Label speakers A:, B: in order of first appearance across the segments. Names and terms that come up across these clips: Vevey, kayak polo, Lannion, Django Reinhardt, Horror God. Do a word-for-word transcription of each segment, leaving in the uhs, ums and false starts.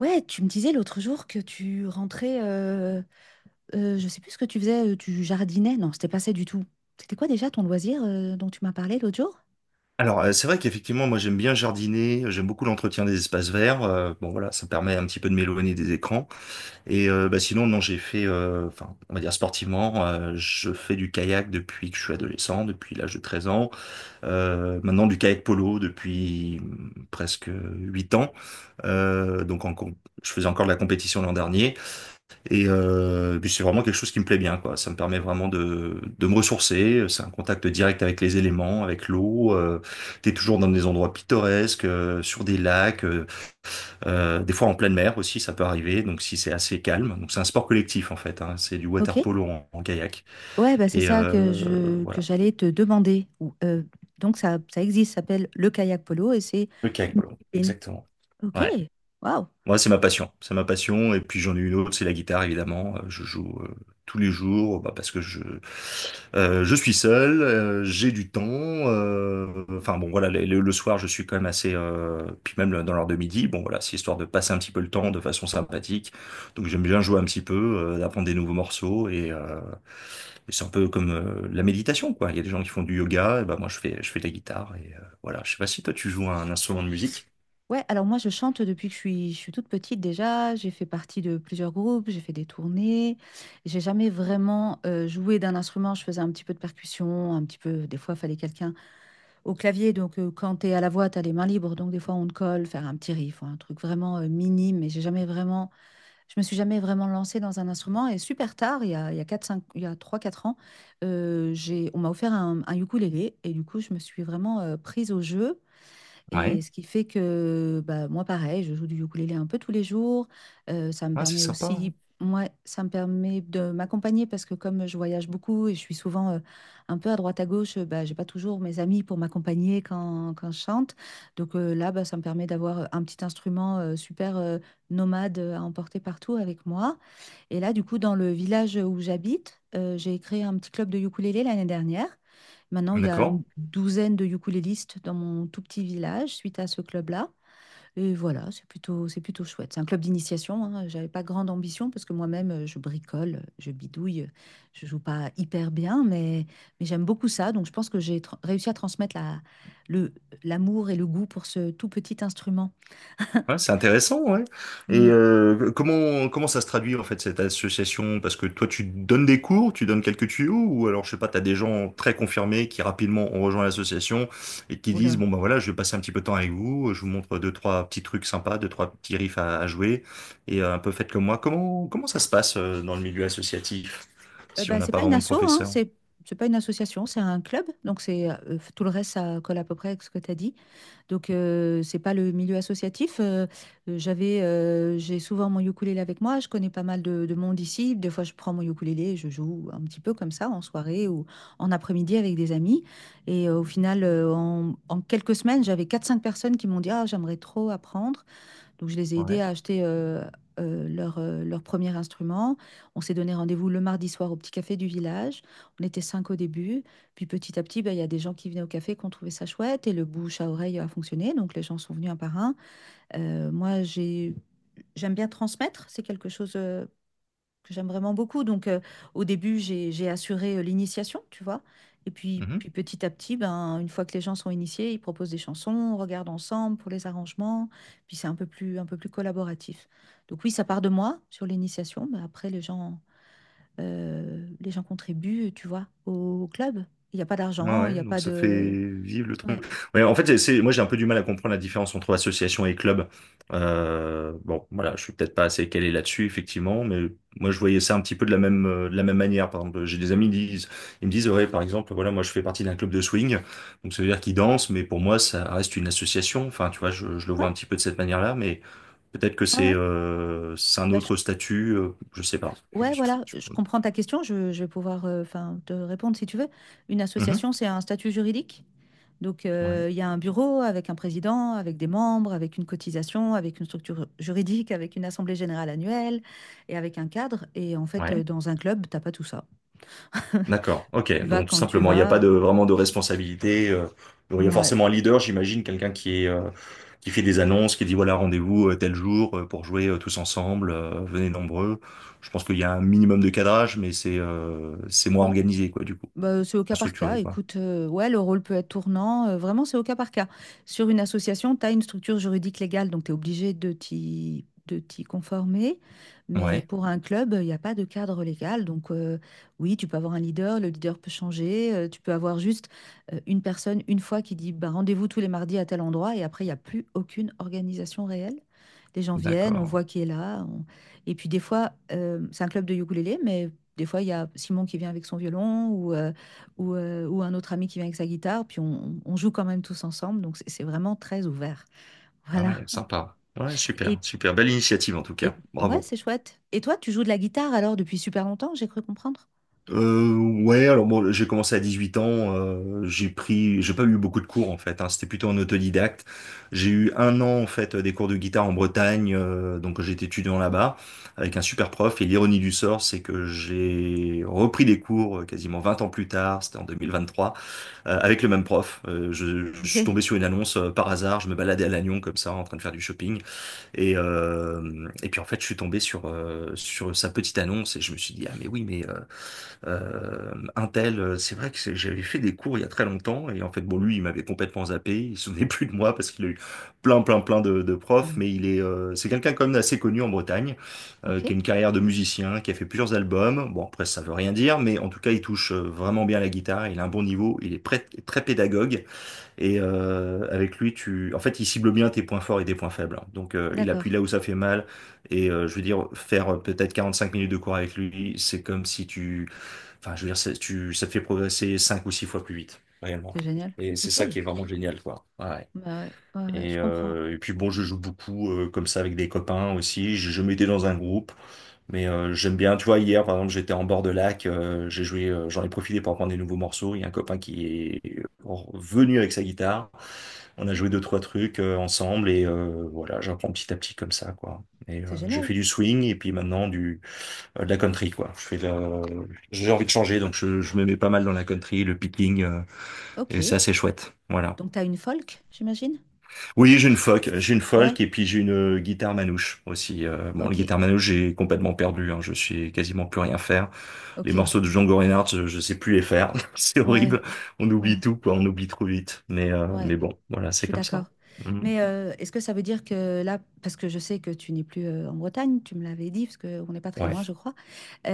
A: Ouais, tu me disais l'autre jour que tu rentrais, euh, euh, je sais plus ce que tu faisais, euh, tu jardinais. Non, c'était pas ça du tout. C'était quoi déjà ton loisir euh, dont tu m'as parlé l'autre jour?
B: Alors, euh, c'est vrai qu'effectivement, moi, j'aime bien jardiner, euh, j'aime beaucoup l'entretien des espaces verts. Euh, bon, voilà, ça permet un petit peu de m'éloigner des écrans. Et euh, bah, sinon, non, j'ai fait, euh, enfin, on va dire sportivement, euh, je fais du kayak depuis que je suis adolescent, depuis l'âge de treize ans. Euh, maintenant, du kayak polo depuis hum, presque huit ans. Euh, donc, en, com- je faisais encore de la compétition l'an dernier. Et, euh, et puis c'est vraiment quelque chose qui me plaît bien, quoi. Ça me permet vraiment de, de me ressourcer. C'est un contact direct avec les éléments, avec l'eau. Euh, t'es toujours dans des endroits pittoresques, euh, sur des lacs, euh, euh, des fois en pleine mer aussi, ça peut arriver. Donc si c'est assez calme, donc c'est un sport collectif en fait. Hein. C'est du
A: Ok.
B: water polo en, en kayak
A: Ouais, bah c'est
B: et
A: ça que
B: euh,
A: je que
B: voilà,
A: j'allais te demander. Ou, euh, donc ça ça existe, ça s'appelle le kayak polo et c'est
B: le kayak
A: une
B: polo,
A: discipline.
B: exactement.
A: Ok.
B: Ouais.
A: Waouh.
B: Moi, c'est ma passion. C'est ma passion. Et puis j'en ai une autre, c'est la guitare, évidemment. Euh, Je joue euh, tous les jours, bah, parce que je, euh, je suis seul, euh, j'ai du temps. euh, Enfin bon, voilà, le, le- le soir, je suis quand même assez. Euh, puis même le- dans l'heure de midi, bon voilà, c'est histoire de passer un petit peu le temps de façon sympathique. Donc j'aime bien jouer un petit peu, euh, d'apprendre des nouveaux morceaux. Et, euh, et c'est un peu comme euh, la méditation, quoi. Il y a des gens qui font du yoga, et bah, moi je fais, je fais de la guitare. Et euh, voilà, je sais pas si toi tu joues un instrument de musique.
A: Ouais, alors moi je chante depuis que je suis, je suis toute petite déjà. J'ai fait partie de plusieurs groupes, j'ai fait des tournées, j'ai jamais vraiment euh, joué d'un instrument, je faisais un petit peu de percussion, un petit peu, des fois il fallait quelqu'un au clavier, donc euh, quand t'es à la voix t'as les mains libres, donc des fois on te colle, faire un petit riff, ou un truc vraiment euh, minime, mais j'ai jamais vraiment, je me suis jamais vraiment lancée dans un instrument, et super tard, il y a, il y a quatre cinq, il y a trois quatre ans, euh, j'ai, on m'a offert un, un ukulélé, et du coup je me suis vraiment euh, prise au jeu.
B: Ouais,
A: Et ce qui fait que bah, moi, pareil, je joue du ukulélé un peu tous les jours. Euh, ça me
B: ouais, c'est
A: permet
B: sympa, hein.
A: aussi, moi, ça me permet de m'accompagner parce que comme je voyage beaucoup et je suis souvent euh, un peu à droite à gauche, euh, bah, j'ai pas toujours mes amis pour m'accompagner quand, quand je chante. Donc euh, là, bah, ça me permet d'avoir un petit instrument euh, super euh, nomade à emporter partout avec moi. Et là, du coup, dans le village où j'habite, euh, j'ai créé un petit club de ukulélé l'année dernière. Maintenant, il y a
B: D'accord.
A: une douzaine de ukulélistes dans mon tout petit village suite à ce club-là. Et voilà, c'est plutôt, c'est plutôt chouette. C'est un club d'initiation, hein. J'avais pas grande ambition parce que moi-même, euh, je bricole, je bidouille, je joue pas hyper bien, mais, mais j'aime beaucoup ça. Donc, je pense que j'ai tra- réussi à transmettre la, le, l'amour et le goût pour ce tout petit instrument.
B: Ouais, c'est intéressant, ouais. Et
A: Hmm.
B: euh, comment comment ça se traduit en fait cette association? Parce que toi, tu donnes des cours, tu donnes quelques tuyaux, ou alors je sais pas, t'as des gens très confirmés qui rapidement ont rejoint l'association et qui disent
A: Oula.
B: bon ben voilà, je vais passer un petit peu de temps avec vous, je vous montre deux trois petits trucs sympas, deux trois petits riffs à, à jouer et euh, un peu faites comme moi. Comment comment ça se passe euh, dans le milieu associatif
A: Euh,
B: si on
A: bah,
B: n'a
A: c'est
B: pas
A: pas une
B: vraiment de
A: asso, hein.
B: professeur?
A: C'est, c'est pas une association, c'est un club. Donc, c'est, euh, tout le reste, ça colle à peu près avec ce que tu as dit. Donc, euh, c'est pas le milieu associatif. Euh, euh, j'avais, euh, j'ai souvent mon ukulélé avec moi. Je connais pas mal de, de monde ici. Des fois, je prends mon ukulélé et je joue un petit peu comme ça en soirée ou en après-midi avec des amis. Et euh, au final, euh, en, en quelques semaines, j'avais quatre cinq personnes qui m'ont dit, ah, j'aimerais trop apprendre. Donc, je les ai aidés
B: Ouais.
A: à acheter euh, euh, leur, euh, leur premier instrument. On s'est donné rendez-vous le mardi soir au petit café du village. On était cinq au début. Puis petit à petit, ben, il y a des gens qui venaient au café qui ont trouvé ça chouette et le bouche à oreille a fonctionné. Donc, les gens sont venus un par un. Euh, moi, j'ai... J'aime bien transmettre, c'est quelque chose euh, que j'aime vraiment beaucoup. Donc, euh, au début, j'ai, j'ai assuré euh, l'initiation, tu vois. Et puis, puis petit à petit, ben, une fois que les gens sont initiés, ils proposent des chansons, on regarde ensemble pour les arrangements. Puis c'est un peu plus, un peu plus collaboratif. Donc oui, ça part de moi sur l'initiation, mais après, les gens, euh, les gens contribuent, tu vois, au, au club. Il n'y a pas
B: Ah
A: d'argent, il
B: ouais,
A: n'y a
B: donc
A: pas
B: ça fait
A: de.
B: vivre le
A: Ouais,
B: truc. Ouais, en fait, c'est, c'est- moi j'ai un peu du mal à comprendre la différence entre association et club. Euh, bon, voilà, je suis peut-être pas assez calé là-dessus, effectivement, mais moi je voyais ça un petit peu de la même, euh, de la même manière. Par exemple, j'ai des amis qui disent, ils me disent, ouais, par exemple, voilà, moi je fais partie d'un club de swing, donc ça veut dire qu'ils dansent, mais pour moi ça reste une association. Enfin, tu vois, je, je le vois
A: ouais,
B: un petit peu de cette manière-là, mais peut-être que
A: ouais,
B: c'est
A: ouais.
B: euh, c'est un
A: Bah, je
B: autre statut, euh, je sais pas.
A: ouais,
B: Je-
A: voilà,
B: je-
A: je comprends ta question. Je, je vais pouvoir euh, enfin, te répondre si tu veux. Une
B: Mhm.
A: association, c'est un statut juridique. Donc,
B: Ouais,
A: euh, il y a un bureau avec un président, avec des membres, avec une cotisation, avec une structure juridique, avec une assemblée générale annuelle et avec un cadre. Et en fait, euh,
B: ouais.
A: dans un club, t'as pas tout ça.
B: D'accord, ok.
A: Tu vas
B: Donc tout
A: quand tu
B: simplement, il n'y a pas
A: vas.
B: de vraiment de responsabilité. Euh, il y a
A: Ouais.
B: forcément un leader, j'imagine, quelqu'un qui est euh, qui fait des annonces, qui dit voilà, rendez-vous euh, tel jour euh, pour jouer euh, tous ensemble, euh, venez nombreux. Je pense qu'il y a un minimum de cadrage, mais c'est euh, c'est moins organisé, quoi, du coup,
A: Bah, c'est au cas
B: moins
A: par cas.
B: structuré, quoi.
A: Écoute, euh, ouais, le rôle peut être tournant. Euh, vraiment, c'est au cas par cas. Sur une association, tu as une structure juridique légale, donc tu es obligé de t'y, de t'y conformer. Mais
B: Ouais,
A: pour un club, il n'y a pas de cadre légal. Donc, euh, oui, tu peux avoir un leader, le leader peut changer. Euh, tu peux avoir juste euh, une personne, une fois, qui dit bah, rendez-vous tous les mardis à tel endroit. Et après, il n'y a plus aucune organisation réelle. Les gens viennent, on
B: d'accord.
A: voit qui est là. on- Et puis, des fois, euh, c'est un club de ukulélé, mais des fois, il y a Simon qui vient avec son violon ou, euh, ou, euh, ou un autre ami qui vient avec sa guitare, puis on, on joue quand même tous ensemble. Donc, c'est c'est vraiment très ouvert.
B: Ah
A: Voilà.
B: ouais, sympa. Ouais, super,
A: Et,
B: super. Belle initiative en tout
A: et
B: cas.
A: ouais,
B: Bravo.
A: c'est chouette. Et toi, tu joues de la guitare alors depuis super longtemps, j'ai cru comprendre.
B: Euh, ouais, alors bon, j'ai commencé à dix-huit ans, euh, j'ai pris, j'ai pas eu beaucoup de cours en fait, hein, c'était plutôt en autodidacte. J'ai eu un an en fait des cours de guitare en Bretagne, euh, donc j'étais étudiant là-bas avec un super prof. Et l'ironie du sort, c'est que j'ai repris des cours euh, quasiment vingt ans plus tard, c'était en deux mille vingt-trois, euh, avec le même prof. Euh, je, je suis
A: Ok.
B: tombé sur une annonce euh, par hasard, je me baladais à Lannion comme ça en train de faire du shopping et euh, et puis en fait je suis tombé sur euh, sur sa petite annonce et je me suis dit ah mais oui mais euh, euh, un tel, euh, c'est vrai que c'est- j'avais fait des cours il y a très longtemps et en fait bon lui il m'avait complètement zappé, il se souvenait plus de moi parce qu'il a eu plein plein plein de, de profs,
A: Mm.
B: mais il est euh, c'est quelqu'un quand même assez connu en Bretagne, euh,
A: Ok.
B: qui a une carrière de musicien, qui a fait plusieurs albums. Bon après ça veut rien dire, mais en tout cas il touche euh, vraiment bien la guitare, il a un bon niveau, il est prêt- très pédagogue et euh, avec lui tu en fait il cible bien tes points forts et tes points faibles. Donc euh, il
A: D'accord.
B: appuie là où ça fait mal et euh, je veux dire faire euh, peut-être quarante-cinq minutes de cours avec lui, c'est comme si tu enfin, je veux dire, ça, tu, ça te fait progresser cinq ou six fois plus vite, réellement.
A: C'est génial.
B: Et c'est
A: Ok.
B: ça qui est vraiment génial, quoi. Ouais. Ouais.
A: Bah ouais, ouais, ouais, je
B: Et,
A: comprends.
B: euh, et puis bon, je joue beaucoup euh, comme ça avec des copains aussi. Je, je m'étais dans un groupe, mais euh, j'aime bien. Tu vois, hier, par exemple, j'étais en bord de lac. Euh, j'ai joué, euh, j'en ai profité pour apprendre des nouveaux morceaux. Il y a un copain qui est venu avec sa guitare. On a joué deux, trois trucs euh, ensemble et euh, voilà, j'apprends petit à petit comme ça, quoi. Et euh,
A: C'est
B: j'ai
A: génial.
B: fait du swing et puis maintenant du euh, de la country, quoi. Je fais le. J'ai envie de changer, donc je, je me mets pas mal dans la country, le picking, euh, et c'est
A: Ok.
B: assez chouette. Voilà.
A: Donc, tu as une folk, j'imagine?
B: Oui, j'ai une folk, j'ai une
A: Ouais.
B: folk, et puis j'ai une euh, guitare manouche aussi. Euh, bon, la
A: Ok.
B: guitare manouche, j'ai complètement perdu, hein. Je sais quasiment plus rien faire. Les
A: Ok.
B: morceaux de Django Reinhardt, je, je sais plus les faire. C'est
A: Ouais.
B: horrible. On
A: Ouais.
B: oublie tout, quoi. On oublie trop vite. Mais, euh,
A: Ouais.
B: mais bon, voilà,
A: Je
B: c'est
A: suis
B: comme
A: d'accord.
B: ça. Mhm.
A: Mais euh, est-ce que ça veut dire que là, parce que je sais que tu n'es plus euh, en Bretagne, tu me l'avais dit, parce qu'on n'est pas très
B: Ouais.
A: loin, je crois.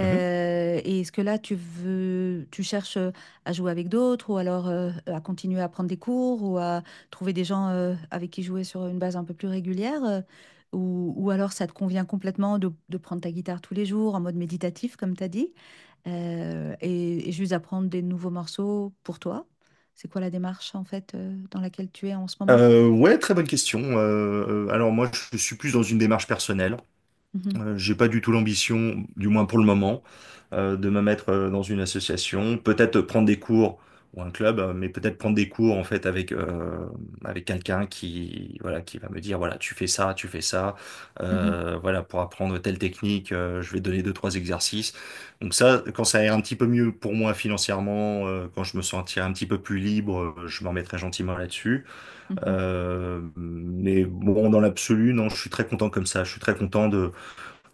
B: Mhm.
A: Et est-ce que là, tu veux, tu cherches euh, à jouer avec d'autres ou alors euh, à continuer à prendre des cours ou à trouver des gens euh, avec qui jouer sur une base un peu plus régulière, euh, ou, ou alors ça te convient complètement de, de prendre ta guitare tous les jours en mode méditatif, comme tu as dit, euh, et, et juste apprendre des nouveaux morceaux pour toi? C'est quoi la démarche en fait euh, dans laquelle tu es en ce moment?
B: Euh, ouais, très bonne question. Euh, euh, alors moi, je suis plus dans une démarche personnelle.
A: Mhm,
B: Euh, j'ai pas du tout l'ambition, du moins pour le moment, euh, de me mettre euh, dans une association. Peut-être prendre des cours ou un club, euh, mais peut-être prendre des cours en fait avec euh, avec quelqu'un qui voilà qui va me dire voilà tu fais ça, tu fais ça,
A: mhm,
B: euh, voilà pour apprendre telle technique, euh, je vais te donner deux trois exercices. Donc ça, quand ça ira un petit peu mieux pour moi financièrement, euh, quand je me sentirai un petit peu plus libre, euh, je m'en mettrai gentiment là-dessus.
A: mhm.
B: Euh, mais bon, dans l'absolu, non, je suis très content comme ça. Je suis très content de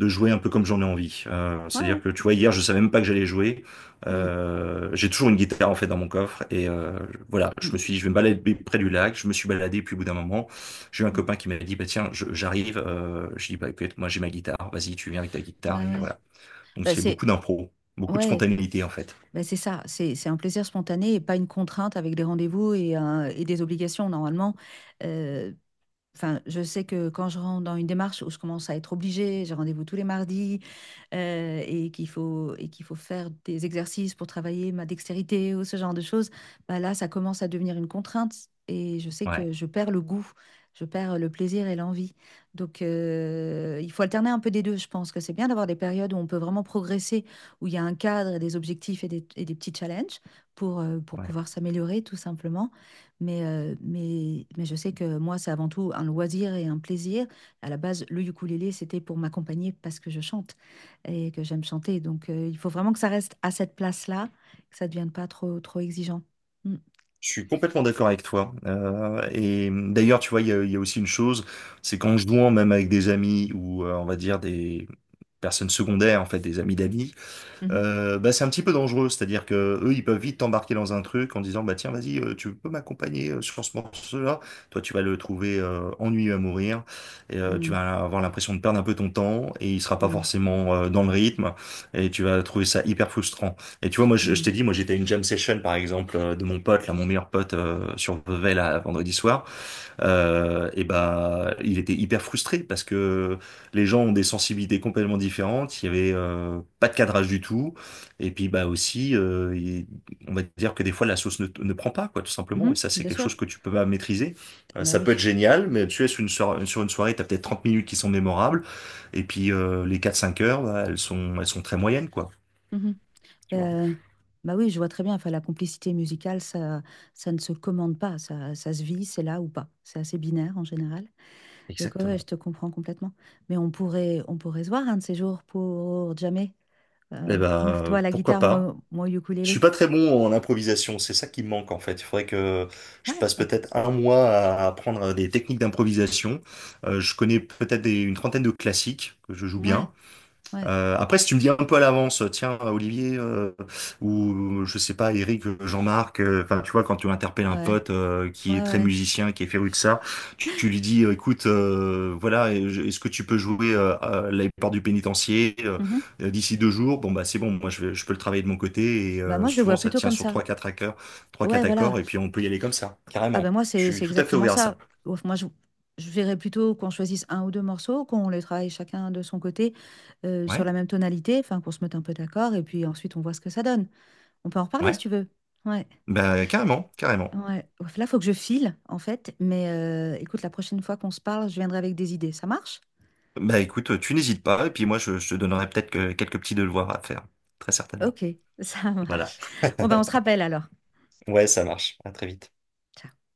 B: jouer un peu comme j'en ai envie. Euh,
A: Ouais,
B: c'est-à-dire
A: ouais.
B: que tu vois, hier, je savais même pas que j'allais jouer.
A: Mm,
B: Euh, j'ai toujours une guitare en fait dans mon coffre et euh, voilà, je me suis
A: mm,
B: dit, je vais me balader près du lac. Je me suis baladé, puis au bout d'un moment, j'ai eu un
A: mm, mm.
B: copain qui m'a dit, bah tiens, je- j'arrive. Euh, je dis, bah écoute, moi j'ai ma guitare. Vas-y, tu viens avec ta guitare
A: Bah
B: et
A: ouais.
B: voilà. Donc
A: Bah
B: c'est beaucoup
A: c'est
B: d'impro, beaucoup de
A: ouais,
B: spontanéité en fait.
A: bah c'est ça, c'est c'est un plaisir spontané et pas une contrainte avec des rendez-vous et, un- et des obligations normalement. Euh, Enfin, je sais que quand je rentre dans une démarche où je commence à être obligée, j'ai rendez-vous tous les mardis, heu et qu'il faut et qu'il faut faire des exercices pour travailler ma dextérité ou ce genre de choses, bah, là, ça commence à devenir une contrainte et je sais
B: Ouais,
A: que je perds le goût, je perds le plaisir et l'envie. Donc heu, il faut alterner un peu des deux. Je pense que c'est bien d'avoir des périodes où on peut vraiment progresser, où il y a un cadre et des objectifs et des et des petits challenges pour, heu, pour
B: ouais.
A: pouvoir s'améliorer tout simplement, mais, euh, mais, mais je sais que moi, c'est avant tout un loisir et un plaisir. À la base, le ukulélé, c'était pour m'accompagner parce que je chante et que j'aime chanter. Donc, euh, il faut vraiment que ça reste à cette place-là, que ça ne devienne pas trop, trop exigeant. Mm.
B: Je suis complètement d'accord avec toi. Euh, et d'ailleurs, tu vois, il y a, il y a aussi une chose, c'est qu'en jouant même avec des amis ou euh, on va dire des personnes secondaires, en fait, des amis d'amis,
A: Mhm.
B: euh, bah, c'est un petit peu dangereux. C'est-à-dire que eux, ils peuvent vite t'embarquer dans un truc en disant, bah tiens, vas-y, euh, tu peux m'accompagner euh, sur ce morceau-là. Toi, tu vas le trouver euh, ennuyeux à mourir. Et, euh, tu
A: Mm.
B: vas avoir l'impression de perdre un peu ton temps et il sera pas forcément euh, dans le rythme. Et tu vas trouver ça hyper frustrant. Et tu vois, moi, je, je
A: Mm.
B: t'ai dit, moi, j'étais à une jam session, par exemple, euh, de mon pote, là, mon meilleur pote euh, sur Vevey, là, vendredi soir, euh, et ben, il était hyper frustré parce que les gens ont des sensibilités complètement différentes. Il y avait euh, pas de cadrage du tout. Et puis bah aussi, euh, il- on va dire que des fois la sauce ne, ne prend pas quoi, tout
A: Mm.
B: simplement. Et
A: Mhm.
B: ça, c'est
A: Bien
B: quelque chose
A: sûr.
B: que tu peux pas maîtriser. Euh,
A: Bah
B: ça peut être
A: oui.
B: génial, mais tu es sur une soirée, sur une soirée, t'as peut-être trente minutes qui sont mémorables. Et puis euh, les quatre-cinq heures, bah, elles sont, elles sont très moyennes quoi.
A: Mhm.
B: Tu vois.
A: Euh, Bah oui, je vois très bien. Enfin, la complicité musicale, ça, ça ne se commande pas. Ça, ça se vit, c'est là ou pas. C'est assez binaire en général. Donc, ouais, je
B: Exactement.
A: te comprends complètement. Mais on pourrait, on pourrait se voir un de ces jours pour jamais.
B: Eh
A: Euh, ouais,
B: ben,
A: toi, la
B: pourquoi
A: guitare,
B: pas?
A: moi, moi, au
B: Je suis
A: ukulélé.
B: pas très bon en improvisation, c'est ça qui me manque en fait. Il faudrait que je
A: Ouais,
B: passe
A: on-
B: peut-être un mois à apprendre des techniques d'improvisation. Euh, je connais peut-être des- une trentaine de classiques que je joue
A: ouais,
B: bien.
A: ouais,
B: Euh, après, si tu me dis un peu à l'avance, tiens, Olivier, euh, ou je sais pas, Eric, euh, Jean-Marc, euh, enfin, tu vois, quand tu interpelles un
A: ouais,
B: pote euh,
A: ouais,
B: qui est très
A: ouais.
B: musicien, qui est féru de ça, tu, tu lui dis, euh, écoute, euh, voilà, et je- est-ce que tu peux jouer euh, à la porte du pénitencier euh,
A: Mhm.
B: euh, d'ici deux jours? Bon, bah, c'est bon, moi, je, vais- je peux le travailler de mon côté, et
A: Bah,
B: euh,
A: moi, je le
B: souvent,
A: vois
B: ça
A: plutôt
B: tient
A: comme
B: sur
A: ça.
B: trois, quatre accords, trois,
A: Ouais,
B: quatre accords,
A: voilà.
B: et puis on peut y aller comme ça,
A: Ah,
B: carrément.
A: ben moi,
B: Je
A: c'est,
B: suis
A: c'est
B: tout à fait
A: exactement
B: ouvert à ça.
A: ça. Ouf, moi, je, je verrais plutôt qu'on choisisse un ou deux morceaux, qu'on les travaille chacun de son côté, euh, sur
B: Ouais,
A: la même tonalité, enfin, qu'on se mette un peu d'accord, et puis ensuite, on voit ce que ça donne. On peut en reparler si
B: ouais,
A: tu veux. Ouais.
B: bah, carrément, carrément.
A: Ouais. Ouf, là, faut que je file, en fait. Mais euh, écoute, la prochaine fois qu'on se parle, je viendrai avec des idées. Ça marche?
B: Bah écoute, tu n'hésites pas, et puis moi je, je te donnerai peut-être que- quelques petits devoirs à faire, très certainement.
A: Ok, ça
B: Voilà.
A: marche. Bon, ben, on se rappelle alors.
B: Ouais, ça marche. À très vite.
A: Ciao.